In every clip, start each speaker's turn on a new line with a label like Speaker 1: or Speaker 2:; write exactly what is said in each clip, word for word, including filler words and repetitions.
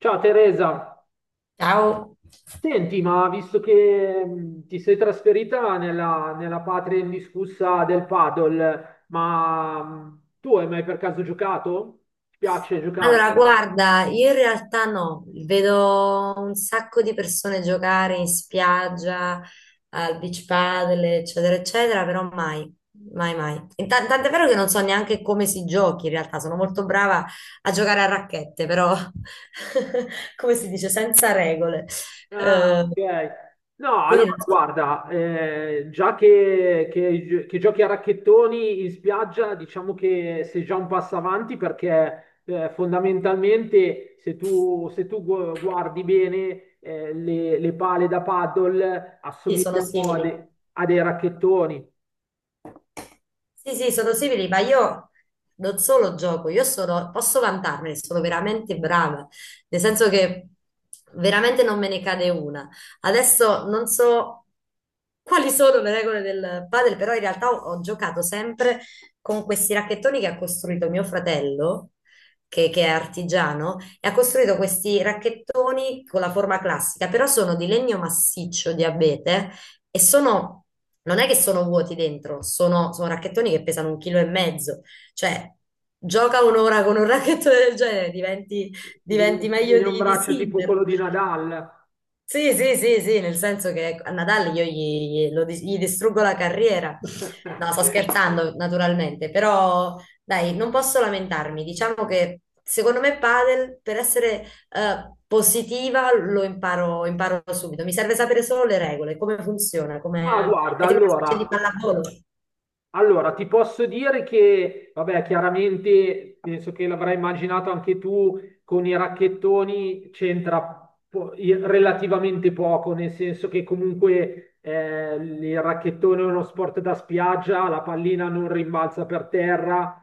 Speaker 1: Ciao Teresa,
Speaker 2: Ciao.
Speaker 1: senti, ma visto che mh, ti sei trasferita nella, nella patria indiscussa del paddle, ma mh, tu hai mai per caso giocato? Ti piace giocare?
Speaker 2: Allora, guarda, io in realtà no, vedo un sacco di persone giocare in spiaggia, al beach paddle, eccetera, eccetera, però mai, mai, mai. Inta- Tant'è vero che non so neanche come si giochi in realtà, sono molto brava a giocare a racchette, però come si dice, senza regole. Eh,
Speaker 1: Ah, ok. No,
Speaker 2: quindi
Speaker 1: allora
Speaker 2: non so-
Speaker 1: guarda, eh, già che, che- che giochi a racchettoni in spiaggia, diciamo che sei già un passo avanti perché eh, fondamentalmente se tu, se tu gu- guardi bene eh, le, le pale da paddle
Speaker 2: sì, sono
Speaker 1: assomigliano a,
Speaker 2: simili.
Speaker 1: de- a dei racchettoni.
Speaker 2: Sì, sì, sono simili, ma io non solo gioco, io sono, posso vantarmene, sono veramente brava, nel senso che veramente non me ne cade una. Adesso non so quali sono le regole del padel, però in realtà ho, ho giocato sempre con questi racchettoni che ha costruito mio fratello, che, che è artigiano, e ha costruito questi racchettoni con la forma classica, però sono di legno massiccio, di abete, e sono, non è che sono vuoti dentro, sono, sono racchettoni che pesano un chilo e mezzo, cioè gioca un'ora con un racchettone del genere, diventi,
Speaker 1: Ti
Speaker 2: diventi
Speaker 1: viene ti
Speaker 2: meglio
Speaker 1: viene un
Speaker 2: di, di
Speaker 1: braccio tipo quello
Speaker 2: Sinner.
Speaker 1: di Nadal.
Speaker 2: Sì, sì, sì, sì, nel senso che ecco, a Natale io gli, gli- lo dis- gli distruggo la carriera. No, sto scherzando, naturalmente, però dai, non posso lamentarmi. Diciamo che secondo me padel, per essere eh, positiva, lo imparo, imparo subito. Mi serve sapere solo le regole, come funziona,
Speaker 1: Ma
Speaker 2: come...
Speaker 1: guarda,
Speaker 2: è tipo una specie di
Speaker 1: allora.
Speaker 2: pallavolo.
Speaker 1: Allora, ti posso dire che, vabbè, chiaramente penso che l'avrai immaginato anche tu, con i racchettoni c'entra po- i- relativamente poco, nel senso che comunque eh, il racchettone è uno sport da spiaggia, la pallina non rimbalza per terra,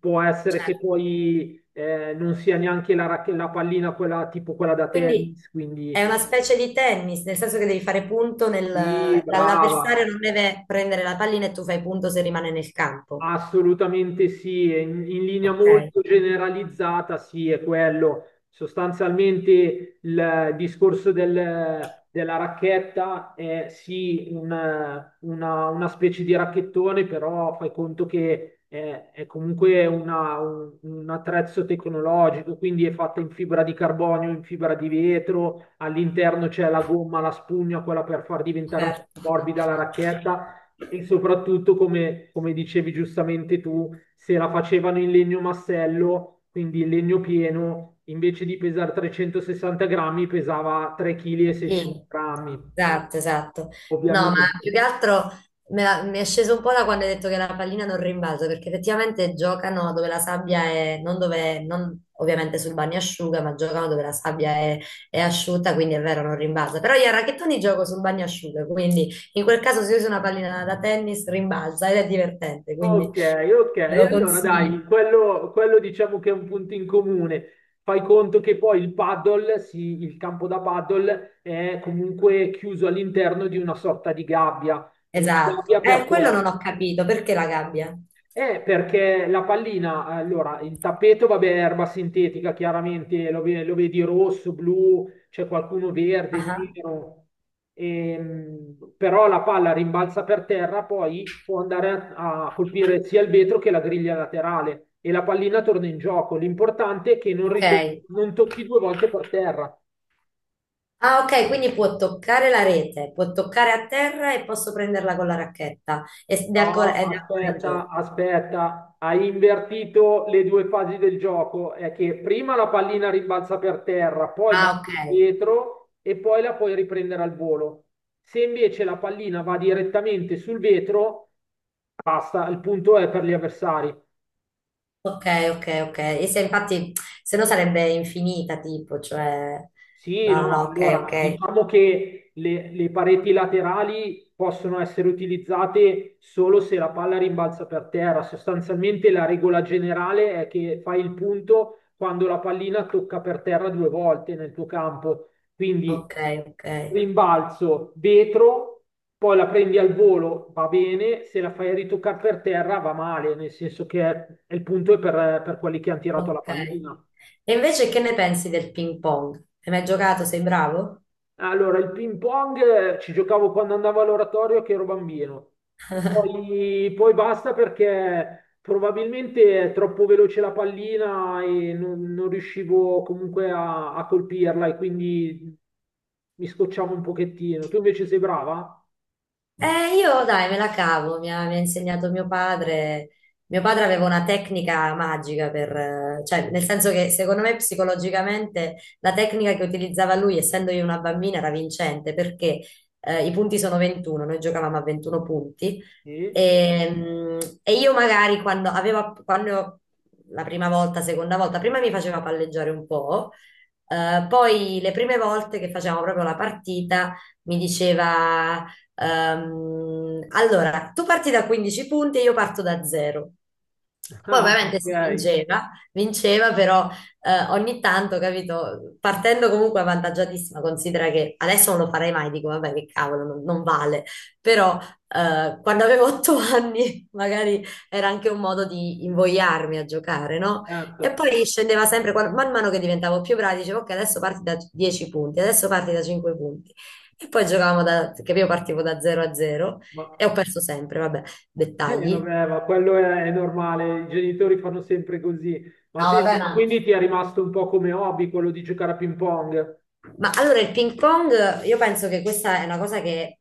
Speaker 1: può essere
Speaker 2: Cioè,
Speaker 1: che poi eh, non sia neanche la, racche- la pallina quella tipo quella da
Speaker 2: quindi
Speaker 1: tennis, quindi
Speaker 2: è una specie di tennis, nel senso che devi fare punto nel...
Speaker 1: sì,
Speaker 2: l'avversario
Speaker 1: brava.
Speaker 2: non deve prendere la pallina e tu fai punto se rimane nel campo.
Speaker 1: Assolutamente sì, e in, in linea
Speaker 2: Ok,
Speaker 1: molto generalizzata sì, è quello. Sostanzialmente il discorso del- della racchetta è sì un- una, una specie di racchettone, però fai conto che è, è comunque una- un, un attrezzo tecnologico, quindi è fatta in fibra di carbonio, in fibra di vetro, all'interno c'è la gomma, la spugna, quella per far diventare un po'
Speaker 2: certo,
Speaker 1: più morbida la racchetta e soprattutto, come, come dicevi giustamente tu, se la facevano in legno massello, quindi in legno pieno, invece di pesare trecentosessanta grammi, pesava tre virgola sei
Speaker 2: sì,
Speaker 1: kg,
Speaker 2: esatto, esatto. No, ma
Speaker 1: ovviamente.
Speaker 2: più che altro me la- mi è sceso un po' da quando hai detto che la pallina non rimbalza, perché effettivamente giocano dove la sabbia è, non dove, non ovviamente sul bagnasciuga, ma giocano dove la sabbia è, è asciutta, quindi è vero, non rimbalza. Però io a racchettoni gioco sul bagnasciuga, quindi in quel caso se usa una pallina da tennis rimbalza ed è divertente, quindi
Speaker 1: Ok, ok,
Speaker 2: ve lo
Speaker 1: allora
Speaker 2: consiglio.
Speaker 1: dai, quello, quello diciamo che è un punto in comune. Fai conto che poi il paddle, sì, il campo da paddle è comunque chiuso all'interno di una sorta di gabbia. Una
Speaker 2: Esatto.
Speaker 1: gabbia
Speaker 2: Eh, quello
Speaker 1: perché?
Speaker 2: non ho capito, perché la gabbia?
Speaker 1: Eh, perché la pallina, allora, il tappeto, vabbè, è erba sintetica, chiaramente lo, ve- lo vedi rosso, blu, c'è qualcuno verde,
Speaker 2: Ah,
Speaker 1: nero. Ehm, però la palla rimbalza per terra, poi può andare a, a colpire sia il vetro che la griglia laterale e la pallina torna in gioco. L'importante è che non,
Speaker 2: ok.
Speaker 1: ritor- non tocchi due volte per terra.
Speaker 2: Ah, ok, quindi può toccare la rete, può toccare a terra e posso prenderla con la racchetta. Ed è ancora,
Speaker 1: No,
Speaker 2: ed è ancora in
Speaker 1: aspetta,
Speaker 2: gioco.
Speaker 1: aspetta, hai invertito le due fasi del gioco. È che prima la pallina rimbalza per terra, poi va
Speaker 2: Ah, ok,
Speaker 1: sul vetro e poi la puoi riprendere al volo. Se invece la pallina va direttamente sul vetro, basta, il punto è per gli avversari.
Speaker 2: ok, ok, ok. E se infatti, se no sarebbe infinita, tipo, cioè...
Speaker 1: Sì,
Speaker 2: No, no,
Speaker 1: no,
Speaker 2: ok,
Speaker 1: allora
Speaker 2: ok,
Speaker 1: diciamo che le, le pareti laterali possono essere utilizzate solo se la palla rimbalza per terra. Sostanzialmente la regola generale è che fai il punto quando la pallina tocca per terra due volte nel tuo campo. Quindi
Speaker 2: ok, ok,
Speaker 1: rimbalzo vetro, poi la prendi al volo, va bene, se la fai ritoccare per terra va male, nel senso che il punto è per per quelli che hanno tirato la
Speaker 2: ok.
Speaker 1: pallina.
Speaker 2: E invece che ne pensi del ping pong? Hai mai giocato? Sei bravo?
Speaker 1: Allora, il ping pong eh, ci giocavo quando andavo all'oratorio che ero bambino. Poi, poi basta perché probabilmente è troppo veloce la pallina e non, non riuscivo comunque a, a colpirla e quindi mi scocciavo un pochettino. Tu invece sei brava?
Speaker 2: Eh, io dai, me la cavo, mi ha, mi ha insegnato mio padre. Mio padre aveva una tecnica magica per, eh, cioè, nel senso che secondo me psicologicamente la tecnica che utilizzava lui, essendo io una bambina, era vincente perché eh, i punti sono ventuno, noi giocavamo a ventuno punti
Speaker 1: Sì?
Speaker 2: e, mm, e io magari quando avevo, quando la prima volta, seconda volta, prima mi faceva palleggiare un po', eh, poi le prime volte che facevamo proprio la partita mi diceva. Ehm, allora, tu parti da quindici punti e io parto da zero. Poi
Speaker 1: Ah,
Speaker 2: ovviamente si
Speaker 1: ok,
Speaker 2: vinceva, vinceva, però eh, ogni tanto, capito, partendo comunque avvantaggiatissima, considera che adesso non lo farei mai, dico, vabbè, che cavolo, non, non vale, però eh, quando avevo otto anni magari era anche un modo di invogliarmi a giocare, no? E
Speaker 1: certo.
Speaker 2: poi scendeva sempre, quando- man mano che diventavo più brava, dicevo, ok, adesso parti da dieci punti, adesso parti da cinque punti. E poi giocavamo da, che io partivo da zero a zero
Speaker 1: Ma,
Speaker 2: e ho perso sempre, vabbè,
Speaker 1: eh,
Speaker 2: dettagli.
Speaker 1: vabbè, ma quello è, è normale, i genitori fanno sempre così. Ma
Speaker 2: No,
Speaker 1: senti,
Speaker 2: vabbè,
Speaker 1: ma
Speaker 2: ma
Speaker 1: quindi ti è rimasto un po' come hobby quello di giocare a ping pong?
Speaker 2: Ma allora il ping pong, io penso che questa è una cosa che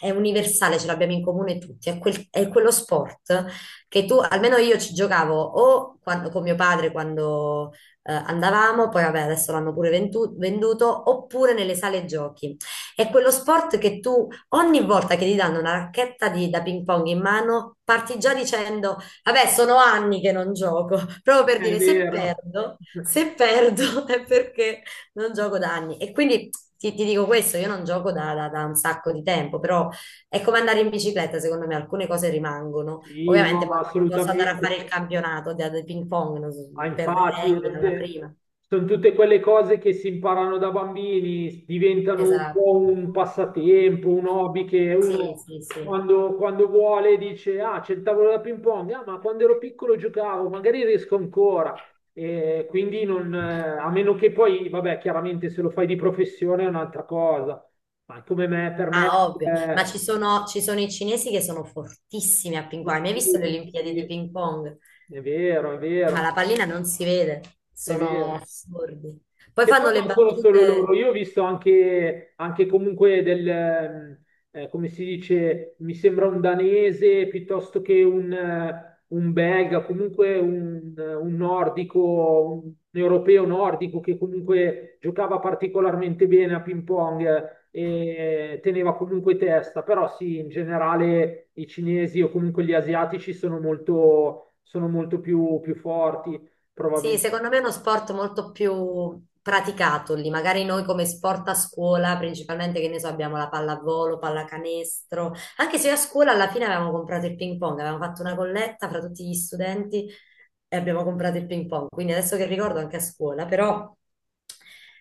Speaker 2: è universale, ce l'abbiamo in comune tutti, è, quel- è quello sport che tu, almeno io ci giocavo o quando- con mio padre quando eh, andavamo, poi vabbè adesso l'hanno pure ventu- venduto, oppure nelle sale giochi. È quello sport che tu ogni volta che ti danno una racchetta di- da ping pong in mano, parti già dicendo, vabbè sono anni che non gioco, proprio per
Speaker 1: È
Speaker 2: dire se
Speaker 1: vero.
Speaker 2: perdo, se perdo è perché non gioco da anni. E quindi ti, ti dico questo, io non gioco da, da- da un sacco di tempo, però è come andare in bicicletta, secondo me, alcune cose rimangono.
Speaker 1: Sì, no,
Speaker 2: Ovviamente
Speaker 1: ma
Speaker 2: poi non posso andare a
Speaker 1: assolutamente.
Speaker 2: fare il campionato di, di, ping pong, non so,
Speaker 1: Ma
Speaker 2: perderei
Speaker 1: infatti, ed
Speaker 2: alla
Speaker 1: è-
Speaker 2: prima.
Speaker 1: Sono tutte quelle cose che si imparano da bambini, diventano un
Speaker 2: Esatto,
Speaker 1: po' un passatempo, un hobby che
Speaker 2: sì,
Speaker 1: uno
Speaker 2: sì, sì.
Speaker 1: quando, quando vuole dice, ah, c'è il tavolo da ping pong, ah, ma quando ero piccolo giocavo, magari riesco ancora. E quindi non, eh, a meno che poi, vabbè, chiaramente se lo fai di professione è un'altra cosa, ma come me, per me...
Speaker 2: Ah, ovvio, ma
Speaker 1: eh,
Speaker 2: ci sono, ci sono i cinesi che sono fortissimi a ping pong. Hai mai visto le
Speaker 1: sportivi,
Speaker 2: Olimpiadi
Speaker 1: sì,
Speaker 2: di ping pong?
Speaker 1: è vero, è
Speaker 2: Ma la
Speaker 1: vero,
Speaker 2: pallina non si vede,
Speaker 1: è
Speaker 2: sono
Speaker 1: vero.
Speaker 2: assurdi. Poi
Speaker 1: Che poi
Speaker 2: fanno le
Speaker 1: non sono solo loro,
Speaker 2: battute.
Speaker 1: io ho visto anche, anche comunque del, ehm, eh, come si dice, mi sembra un danese piuttosto che un, eh, un belga, comunque un, eh, un nordico, un europeo nordico che comunque giocava particolarmente bene a ping pong eh, e teneva comunque testa, però sì, in generale i cinesi o comunque gli asiatici sono molto, sono molto più, più forti,
Speaker 2: Sì,
Speaker 1: probabilmente.
Speaker 2: secondo me è uno sport molto più praticato lì. Magari noi come sport a scuola, principalmente, che ne so, abbiamo la pallavolo, pallacanestro. Anche se io a scuola alla fine avevamo comprato il ping pong, avevamo fatto una colletta fra tutti gli studenti e abbiamo comprato il ping pong. Quindi adesso che ricordo anche a scuola, però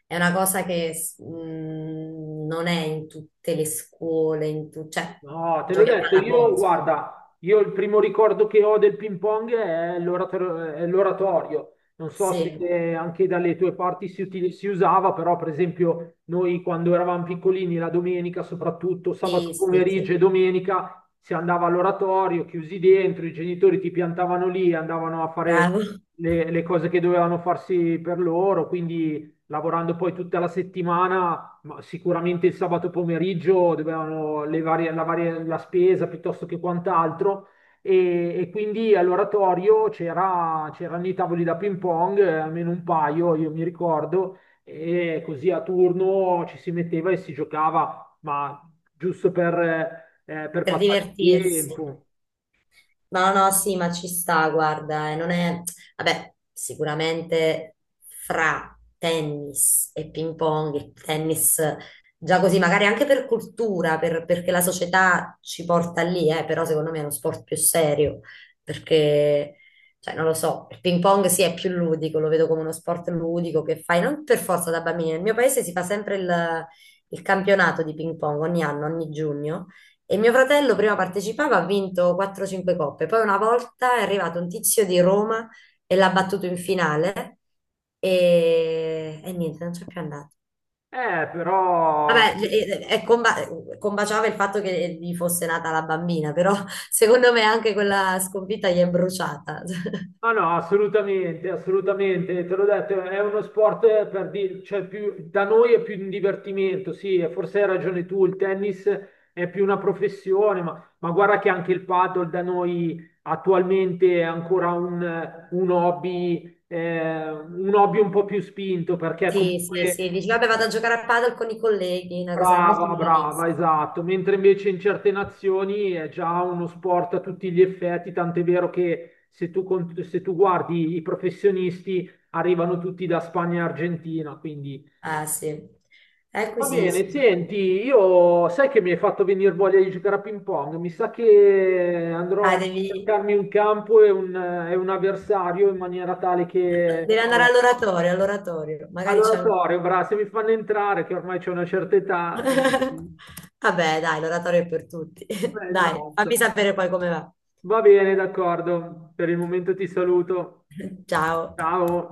Speaker 2: è una cosa che s- mh, non è in tutte le scuole, in tu- cioè
Speaker 1: No,
Speaker 2: ho
Speaker 1: te l'ho
Speaker 2: giochi a capito,
Speaker 1: detto, io
Speaker 2: pallavolo.
Speaker 1: guarda, io il primo ricordo che ho del ping pong è l'orator- è l'oratorio. Non so se
Speaker 2: Sì,
Speaker 1: eh, anche dalle tue parti si, uti- si usava, però per esempio noi quando eravamo piccolini, la domenica soprattutto, sabato
Speaker 2: sì, sì, sì.
Speaker 1: pomeriggio e domenica, si andava all'oratorio, chiusi dentro, i genitori ti piantavano lì, andavano a fare
Speaker 2: Bravo.
Speaker 1: le le cose che dovevano farsi per loro, quindi lavorando poi tutta la settimana ma sicuramente il sabato pomeriggio dovevano levare la, varie- la spesa piuttosto che quant'altro e, e quindi all'oratorio c'era- c'erano i tavoli da ping pong, eh, almeno un paio, io mi ricordo, e così a turno ci si metteva e si giocava, ma giusto per, eh, per
Speaker 2: Per
Speaker 1: passare il
Speaker 2: divertirsi.
Speaker 1: tempo.
Speaker 2: No, no, sì, ma ci sta, guarda, e non è... Vabbè, sicuramente fra tennis e ping pong, il tennis già così, magari anche per cultura, per- perché la società ci porta lì, eh, però secondo me è uno sport più serio, perché, cioè, non lo so, il ping pong sì è più ludico, lo vedo come uno sport ludico che fai, non per forza da bambini, nel mio paese si fa sempre il il campionato di ping pong ogni anno, ogni giugno. E mio fratello prima partecipava, ha vinto quattro o cinque coppe. Poi una volta è arrivato un tizio di Roma e l'ha battuto in finale e, e niente, non c'è più andato.
Speaker 1: Eh, però
Speaker 2: Vabbè, e- e- e comba- combaciava il fatto che gli fosse nata la bambina, però secondo me anche quella sconfitta gli è bruciata.
Speaker 1: ah no, assolutamente, assolutamente, te l'ho detto, è uno sport eh, per dire, cioè più, da noi è più un divertimento, sì, e forse hai ragione tu, il tennis è più una professione, ma, ma guarda che anche il paddle da noi attualmente è ancora un, un hobby, eh, un hobby un po' più spinto, perché
Speaker 2: Sì, sì, sì,
Speaker 1: comunque
Speaker 2: dice, vabbè, vado a giocare a padel con i colleghi, una cosa molto
Speaker 1: brava,
Speaker 2: milanese.
Speaker 1: brava, esatto. Mentre invece in certe nazioni è già uno sport a tutti gli effetti, tant'è vero che se tu, cont- se tu guardi i professionisti arrivano tutti da Spagna e Argentina, quindi
Speaker 2: Ah, sì. Ecco,
Speaker 1: va
Speaker 2: sì,
Speaker 1: bene.
Speaker 2: sì.
Speaker 1: Senti, io sai che mi hai fatto venire voglia di giocare a ping pong, mi sa che andrò
Speaker 2: Dai,
Speaker 1: a
Speaker 2: devi...
Speaker 1: cercarmi un campo e un, e un avversario in maniera tale che...
Speaker 2: Devi andare all'oratorio, all'oratorio. Magari c'è
Speaker 1: Allora,
Speaker 2: anche...
Speaker 1: Torio, bra, se mi fanno entrare, che ormai c'è una certa età... eh, sì.
Speaker 2: Vabbè, dai, l'oratorio è per tutti.
Speaker 1: Eh,
Speaker 2: Dai, fammi
Speaker 1: esatto.
Speaker 2: sapere poi come va.
Speaker 1: Va bene, d'accordo. Per il momento ti saluto.
Speaker 2: Ciao.
Speaker 1: Ciao.